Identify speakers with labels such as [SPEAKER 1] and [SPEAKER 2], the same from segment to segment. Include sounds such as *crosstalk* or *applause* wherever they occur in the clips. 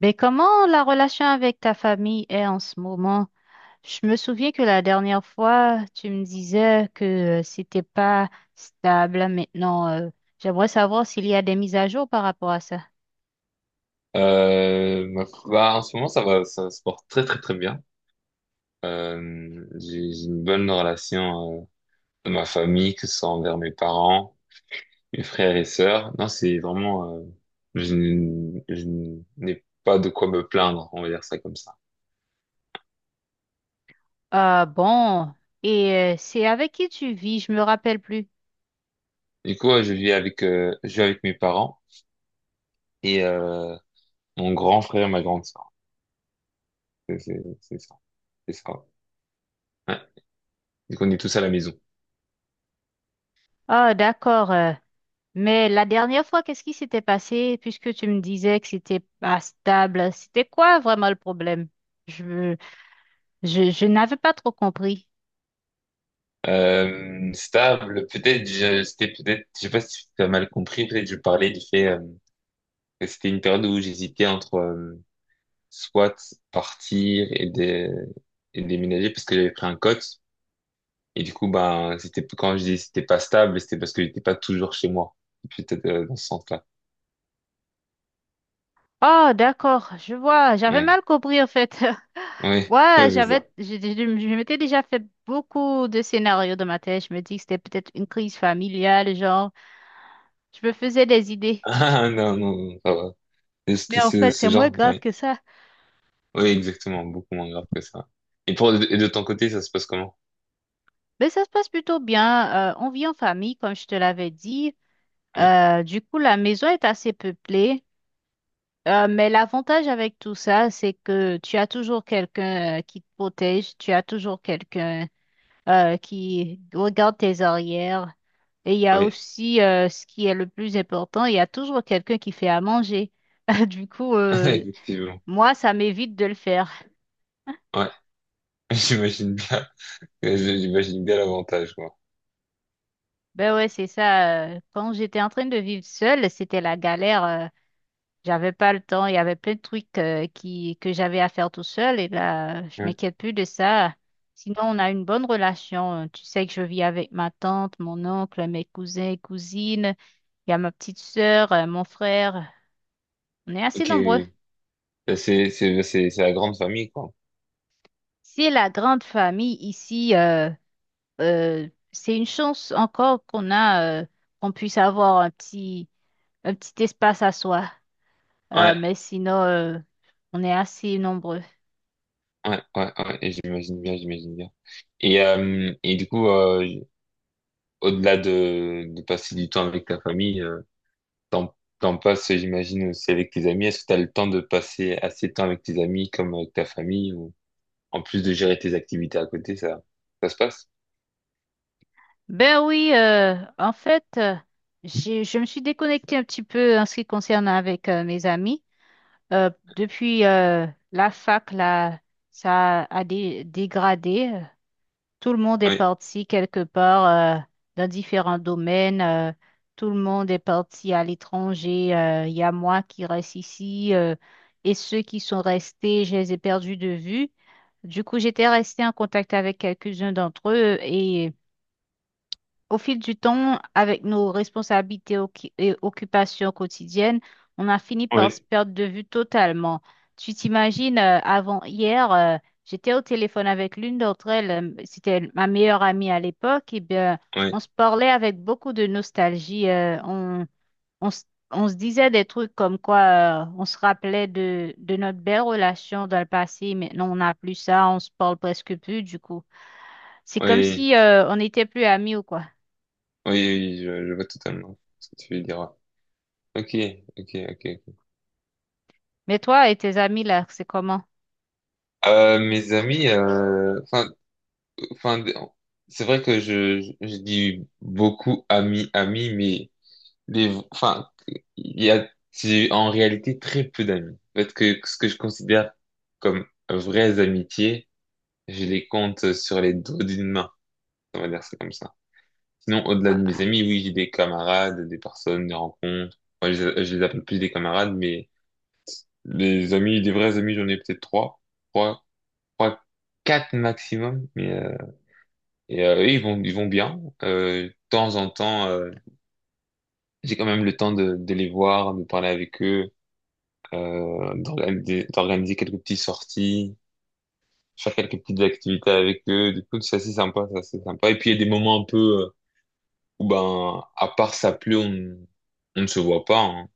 [SPEAKER 1] Mais comment la relation avec ta famille est en ce moment? Je me souviens que la dernière fois, tu me disais que c'était pas stable, hein. Maintenant, j'aimerais savoir s'il y a des mises à jour par rapport à ça.
[SPEAKER 2] Euh, ma En ce moment, ça va, ça se porte très très très bien. J'ai une bonne relation de ma famille, que ce soit envers mes parents, mes frères et sœurs. Non, c'est vraiment, je n'ai pas de quoi me plaindre, on va dire ça comme ça.
[SPEAKER 1] Ah bon, et c'est avec qui tu vis? Je me rappelle plus.
[SPEAKER 2] Du coup, ouais, je vis avec mes parents et mon grand frère et ma grande sœur. C'est ça, c'est ça. Ouais, et qu'on est tous à la maison.
[SPEAKER 1] Ah d'accord. Mais la dernière fois, qu'est-ce qui s'était passé puisque tu me disais que c'était pas stable? C'était quoi vraiment le problème? Je n'avais pas trop compris.
[SPEAKER 2] Stable, peut-être, c'était peut-être, je sais pas si tu as mal compris, peut-être je parlais du fait que c'était une période où j'hésitais entre soit partir et, et déménager parce que j'avais pris un cote. Et du coup, ben, c'était, quand je dis c'était pas stable, c'était parce que j'étais pas toujours chez moi. Peut-être dans ce sens-là.
[SPEAKER 1] Oh, d'accord, je vois. J'avais
[SPEAKER 2] Ouais,
[SPEAKER 1] mal compris en fait. *laughs*
[SPEAKER 2] ouais, *laughs*
[SPEAKER 1] Ouais,
[SPEAKER 2] c'est ça.
[SPEAKER 1] je m'étais déjà fait beaucoup de scénarios dans ma tête. Je me dis que c'était peut-être une crise familiale, genre, je me faisais des
[SPEAKER 2] *laughs*
[SPEAKER 1] idées.
[SPEAKER 2] Ah, non, non, non, ça va. C'est
[SPEAKER 1] Mais en fait, c'est
[SPEAKER 2] ce
[SPEAKER 1] moins
[SPEAKER 2] genre,
[SPEAKER 1] grave
[SPEAKER 2] oui.
[SPEAKER 1] que ça.
[SPEAKER 2] Oui, exactement, beaucoup moins grave que ça. Et pour, et de ton côté, ça se passe comment?
[SPEAKER 1] Mais ça se passe plutôt bien. On vit en famille, comme je te l'avais dit.
[SPEAKER 2] Oui,
[SPEAKER 1] Du coup, la maison est assez peuplée. Mais l'avantage avec tout ça, c'est que tu as toujours quelqu'un qui te protège, tu as toujours quelqu'un qui regarde tes arrières. Et il y a
[SPEAKER 2] oui,
[SPEAKER 1] aussi ce qui est le plus important, il y a toujours quelqu'un qui fait à manger. *laughs* Du coup,
[SPEAKER 2] *laughs* effectivement.
[SPEAKER 1] moi, ça m'évite de le faire.
[SPEAKER 2] Ouais, *laughs* j'imagine bien. J'imagine bien l'avantage, quoi.
[SPEAKER 1] Ben ouais, c'est ça. Quand j'étais en train de vivre seule, c'était la galère. J'avais pas le temps, il y avait plein de trucs qui, que j'avais à faire tout seul et là, je
[SPEAKER 2] Ouais.
[SPEAKER 1] m'inquiète plus de ça. Sinon, on a une bonne relation. Tu sais que je vis avec ma tante, mon oncle, mes cousins et cousines. Il y a ma petite sœur, mon frère. On est assez
[SPEAKER 2] Ok,
[SPEAKER 1] nombreux.
[SPEAKER 2] oui. C'est, bah, c'est la grande famille, quoi.
[SPEAKER 1] C'est la grande famille ici. C'est une chance encore qu'on a, qu'on puisse avoir un petit espace à soi.
[SPEAKER 2] Ouais,
[SPEAKER 1] Mais sinon, on est assez nombreux.
[SPEAKER 2] ouais, ouais, ouais, et j'imagine bien, j'imagine bien. Et du coup, au-delà de passer du temps avec ta famille, T'en, t'en passes, j'imagine, aussi avec tes amis. Est-ce que t'as le temps de passer assez de temps avec tes amis comme avec ta famille, ou en plus de gérer tes activités à côté, ça se passe?
[SPEAKER 1] Ben oui, en fait, je me suis déconnectée un petit peu en ce qui concerne avec mes amis. Euh, Depuis la fac, là, ça a dégradé. Tout le monde est
[SPEAKER 2] Oui,
[SPEAKER 1] parti quelque part dans différents domaines. Tout le monde est parti à l'étranger. Il y a moi qui reste ici et ceux qui sont restés, je les ai perdus de vue. Du coup, j'étais restée en contact avec quelques-uns d'entre eux et au fil du temps, avec nos responsabilités occupations quotidiennes, on a fini par se
[SPEAKER 2] oui,
[SPEAKER 1] perdre de vue totalement. Tu t'imagines, avant hier, j'étais au téléphone avec l'une d'entre elles, c'était ma meilleure amie à l'époque, et bien,
[SPEAKER 2] oui,
[SPEAKER 1] on se parlait avec beaucoup de nostalgie. On, se on se disait des trucs comme quoi, on se rappelait de notre belle relation dans le passé, maintenant on n'a plus ça, on se parle presque plus, du coup. C'est comme
[SPEAKER 2] oui,
[SPEAKER 1] si, on n'était plus amis ou quoi.
[SPEAKER 2] oui, oui, je vois totalement ce que tu veux dire. Ouais. Ok, ok, ok. Ok.
[SPEAKER 1] Mais toi et tes amis là, c'est comment?
[SPEAKER 2] Mes amis, enfin, enfin, c'est vrai que je dis beaucoup amis, amis, mais enfin, il y a, j'ai en réalité très peu d'amis. Parce que ce que je considère comme vraies amitiés, je les compte sur les doigts d'une main. On va dire ça comme ça. Sinon, au-delà de mes
[SPEAKER 1] Ah,
[SPEAKER 2] amis, oui, j'ai des camarades, des personnes, des rencontres. Moi, je les appelle plus des camarades, mais des amis, des vrais amis, j'en ai peut-être trois, trois, trois, quatre maximum. Eux, ils vont bien. De temps en temps, j'ai quand même le temps de les voir, de parler avec eux d'organiser quelques petites sorties, faire quelques petites activités avec eux. Du coup, c'est assez sympa, c'est assez sympa. Et puis, il y a des moments un peu où, ben, à part ça pleut, on ne se voit pas, hein.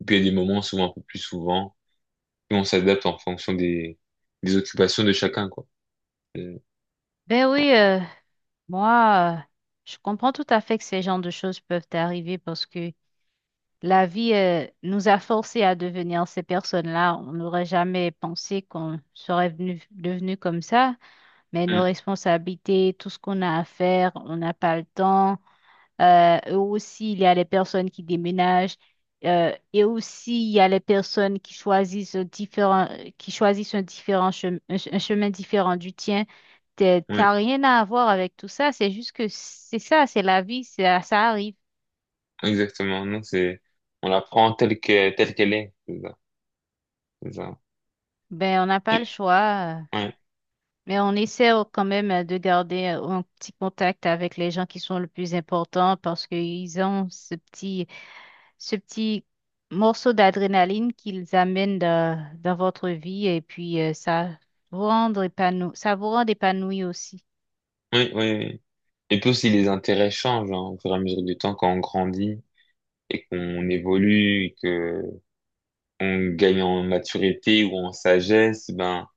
[SPEAKER 2] Et puis, il y a des moments, souvent un peu plus souvent, où on s'adapte en fonction des occupations de chacun, quoi. Euh,
[SPEAKER 1] ben oui, moi, je comprends tout à fait que ces genres de choses peuvent arriver parce que la vie, nous a forcés à devenir ces personnes-là. On n'aurait jamais pensé qu'on serait venu, devenu comme ça, mais nos
[SPEAKER 2] hum,
[SPEAKER 1] responsabilités, tout ce qu'on a à faire, on n'a pas le temps. Et aussi, il y a les personnes qui déménagent. Et aussi, il y a les personnes qui choisissent différents, qui choisissent un différent un chemin différent du tien.
[SPEAKER 2] ouais,
[SPEAKER 1] T'as rien à voir avec tout ça. C'est juste que c'est ça, c'est la vie, ça arrive.
[SPEAKER 2] exactement. Non, c'est, on la prend telle que, telle qu'elle est. C'est ça, c'est ça.
[SPEAKER 1] Ben, on n'a pas
[SPEAKER 2] Et,
[SPEAKER 1] le choix.
[SPEAKER 2] ouais,
[SPEAKER 1] Mais on essaie quand même de garder un petit contact avec les gens qui sont le plus importants parce qu'ils ont ce petit morceau d'adrénaline qu'ils amènent dans, dans votre vie et puis ça vous rend épanoui, ça vous rend épanoui aussi.
[SPEAKER 2] ouais, ouais. Ouais. Et puis aussi, les intérêts changent, hein, au fur et à mesure du temps quand on grandit et qu'on évolue, que on gagne en maturité ou en sagesse, ben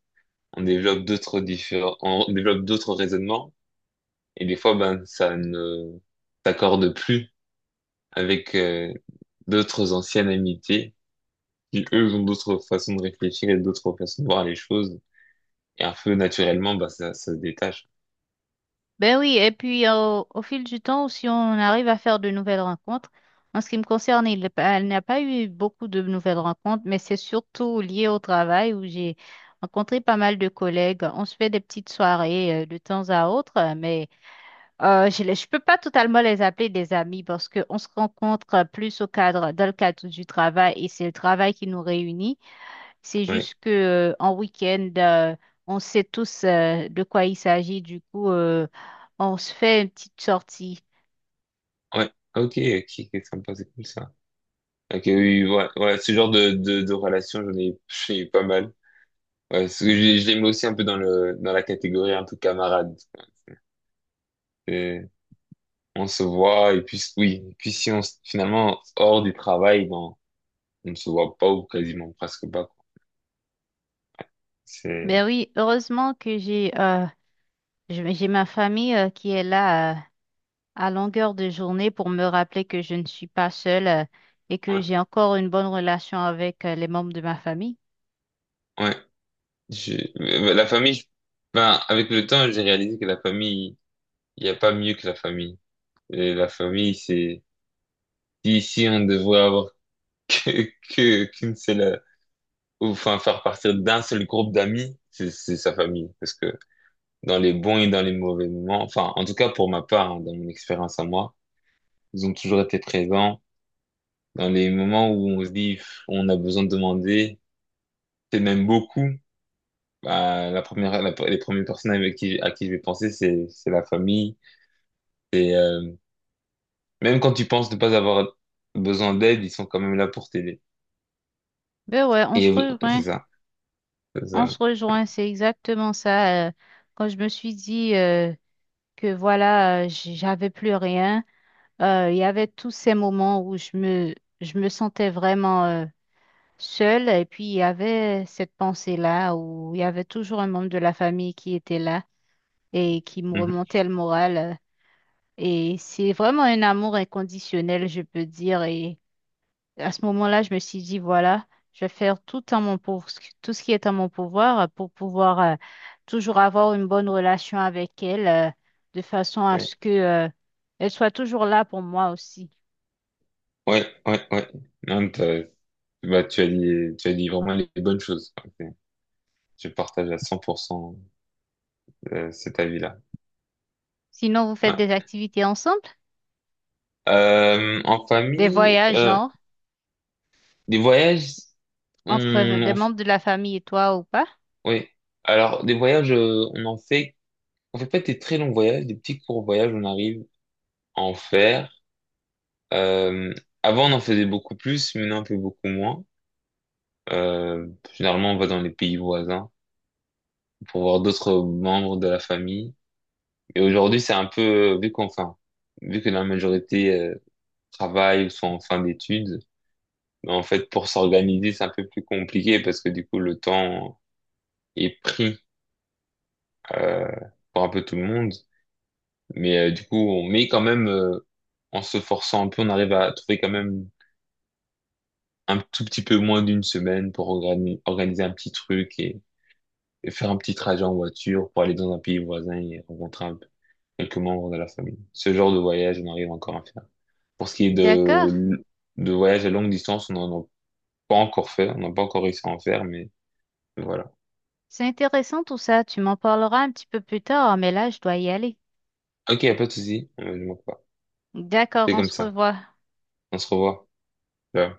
[SPEAKER 2] on développe d'autres différents, on développe d'autres raisonnements, et des fois ben ça ne s'accorde plus avec d'autres anciennes amitiés qui eux ont d'autres façons de réfléchir et d'autres façons de voir les choses, et un peu naturellement ben ça se détache.
[SPEAKER 1] Ben oui, et puis au fil du temps, si on arrive à faire de nouvelles rencontres, en ce qui me concerne, il, elle n'a pas eu beaucoup de nouvelles rencontres, mais c'est surtout lié au travail où j'ai rencontré pas mal de collègues. On se fait des petites soirées de temps à autre, mais je les, peux pas totalement les appeler des amis parce qu'on se rencontre plus au cadre, dans le cadre du travail et c'est le travail qui nous réunit. C'est
[SPEAKER 2] Ouais,
[SPEAKER 1] juste que en week-end, on sait tous de quoi il s'agit. Du coup, on se fait une petite sortie.
[SPEAKER 2] ouais, ok, ok, c'est sympa, c'est cool ça. Ok, oui, ouais, ouais, ce genre de relation j'ai eu pas mal. Ouais, parce que je les mets aussi un peu dans le dans la catégorie un peu camarade. Et on se voit et puis oui, et puis si finalement hors du travail, non, on ne se voit pas ou quasiment presque pas, quoi.
[SPEAKER 1] Mais
[SPEAKER 2] C'est
[SPEAKER 1] oui, heureusement que j'ai je- j'ai ma famille qui est là à longueur de journée pour me rappeler que je ne suis pas seule et que
[SPEAKER 2] ouais,
[SPEAKER 1] j'ai encore une bonne relation avec les membres de ma famille.
[SPEAKER 2] ouais. Je- la famille, ben avec le temps, j'ai réalisé que la famille, il n'y a pas mieux que la famille. Et la famille, c'est, si si on devrait avoir *laughs* que qu'une seule, ou, enfin faire partir d'un seul groupe d'amis, c'est sa famille, parce que dans les bons et dans les mauvais moments. Enfin, en tout cas, pour ma part, hein, dans mon expérience à moi, ils ont toujours été présents dans les moments où on se dit, pff, on a besoin de demander. C'est même beaucoup. Bah, la première, les premières personnes avec qui, à qui je vais penser, c'est la famille. Et même quand tu penses ne pas avoir besoin d'aide, ils sont quand même là pour t'aider.
[SPEAKER 1] Ben ouais, on se
[SPEAKER 2] Et c'est
[SPEAKER 1] rejoint.
[SPEAKER 2] ça, c'est
[SPEAKER 1] On
[SPEAKER 2] ça.
[SPEAKER 1] se rejoint, c'est exactement ça. Quand je me suis dit que voilà, j'avais plus rien, il y avait tous ces moments où je me sentais vraiment seule et puis il y avait cette pensée-là où il y avait toujours un membre de la famille qui était là et qui me
[SPEAKER 2] Mhm.
[SPEAKER 1] remontait le moral. Et c'est vraiment un amour inconditionnel, je peux dire. Et à ce moment-là, je me suis dit, voilà, je vais faire tout en mon pour, tout ce qui est en mon pouvoir pour pouvoir toujours avoir une bonne relation avec elle, de façon à
[SPEAKER 2] Ouais,
[SPEAKER 1] ce que elle soit toujours là pour moi aussi.
[SPEAKER 2] ouais, ouais, ouais. Non, bah, tu as dit vraiment les bonnes choses. Ok. Je partage à 100% cet avis-là.
[SPEAKER 1] Sinon, vous faites
[SPEAKER 2] Ouais.
[SPEAKER 1] des activités ensemble,
[SPEAKER 2] En
[SPEAKER 1] des
[SPEAKER 2] famille,
[SPEAKER 1] voyages, genre?
[SPEAKER 2] des voyages,
[SPEAKER 1] Entre
[SPEAKER 2] on, en
[SPEAKER 1] des
[SPEAKER 2] f-
[SPEAKER 1] membres de la famille et toi ou pas.
[SPEAKER 2] ouais. Alors, des voyages, on en fait, on fait pas des très longs voyages, des petits courts voyages, on arrive à en faire. Euh, Avant, on en faisait beaucoup plus, maintenant, on fait beaucoup moins. Euh, Généralement, on va dans les pays voisins pour voir d'autres membres de la famille. Et aujourd'hui, c'est un peu, vu qu'enfin, vu que la majorité travaille ou sont en fin d'études, mais en fait, pour s'organiser, c'est un peu plus compliqué parce que du coup, le temps est pris euh, pour un peu tout le monde. Du coup, on met quand même, en se forçant un peu, on arrive à trouver quand même un tout petit peu moins d'une semaine pour organiser un petit truc et faire un petit trajet en voiture pour aller dans un pays voisin et rencontrer un peu quelques membres de la famille. Ce genre de voyage, on arrive encore à faire. Pour ce qui est
[SPEAKER 1] D'accord.
[SPEAKER 2] de voyage à longue distance, on n'en a pas encore fait, on n'a pas encore réussi à en faire, mais voilà.
[SPEAKER 1] C'est intéressant tout ça. Tu m'en parleras un petit peu plus tard, mais là, je dois y aller.
[SPEAKER 2] Ok, y a pas de souci, je manque pas.
[SPEAKER 1] D'accord,
[SPEAKER 2] C'est
[SPEAKER 1] on
[SPEAKER 2] comme
[SPEAKER 1] se
[SPEAKER 2] ça.
[SPEAKER 1] revoit.
[SPEAKER 2] On se revoit. Ciao.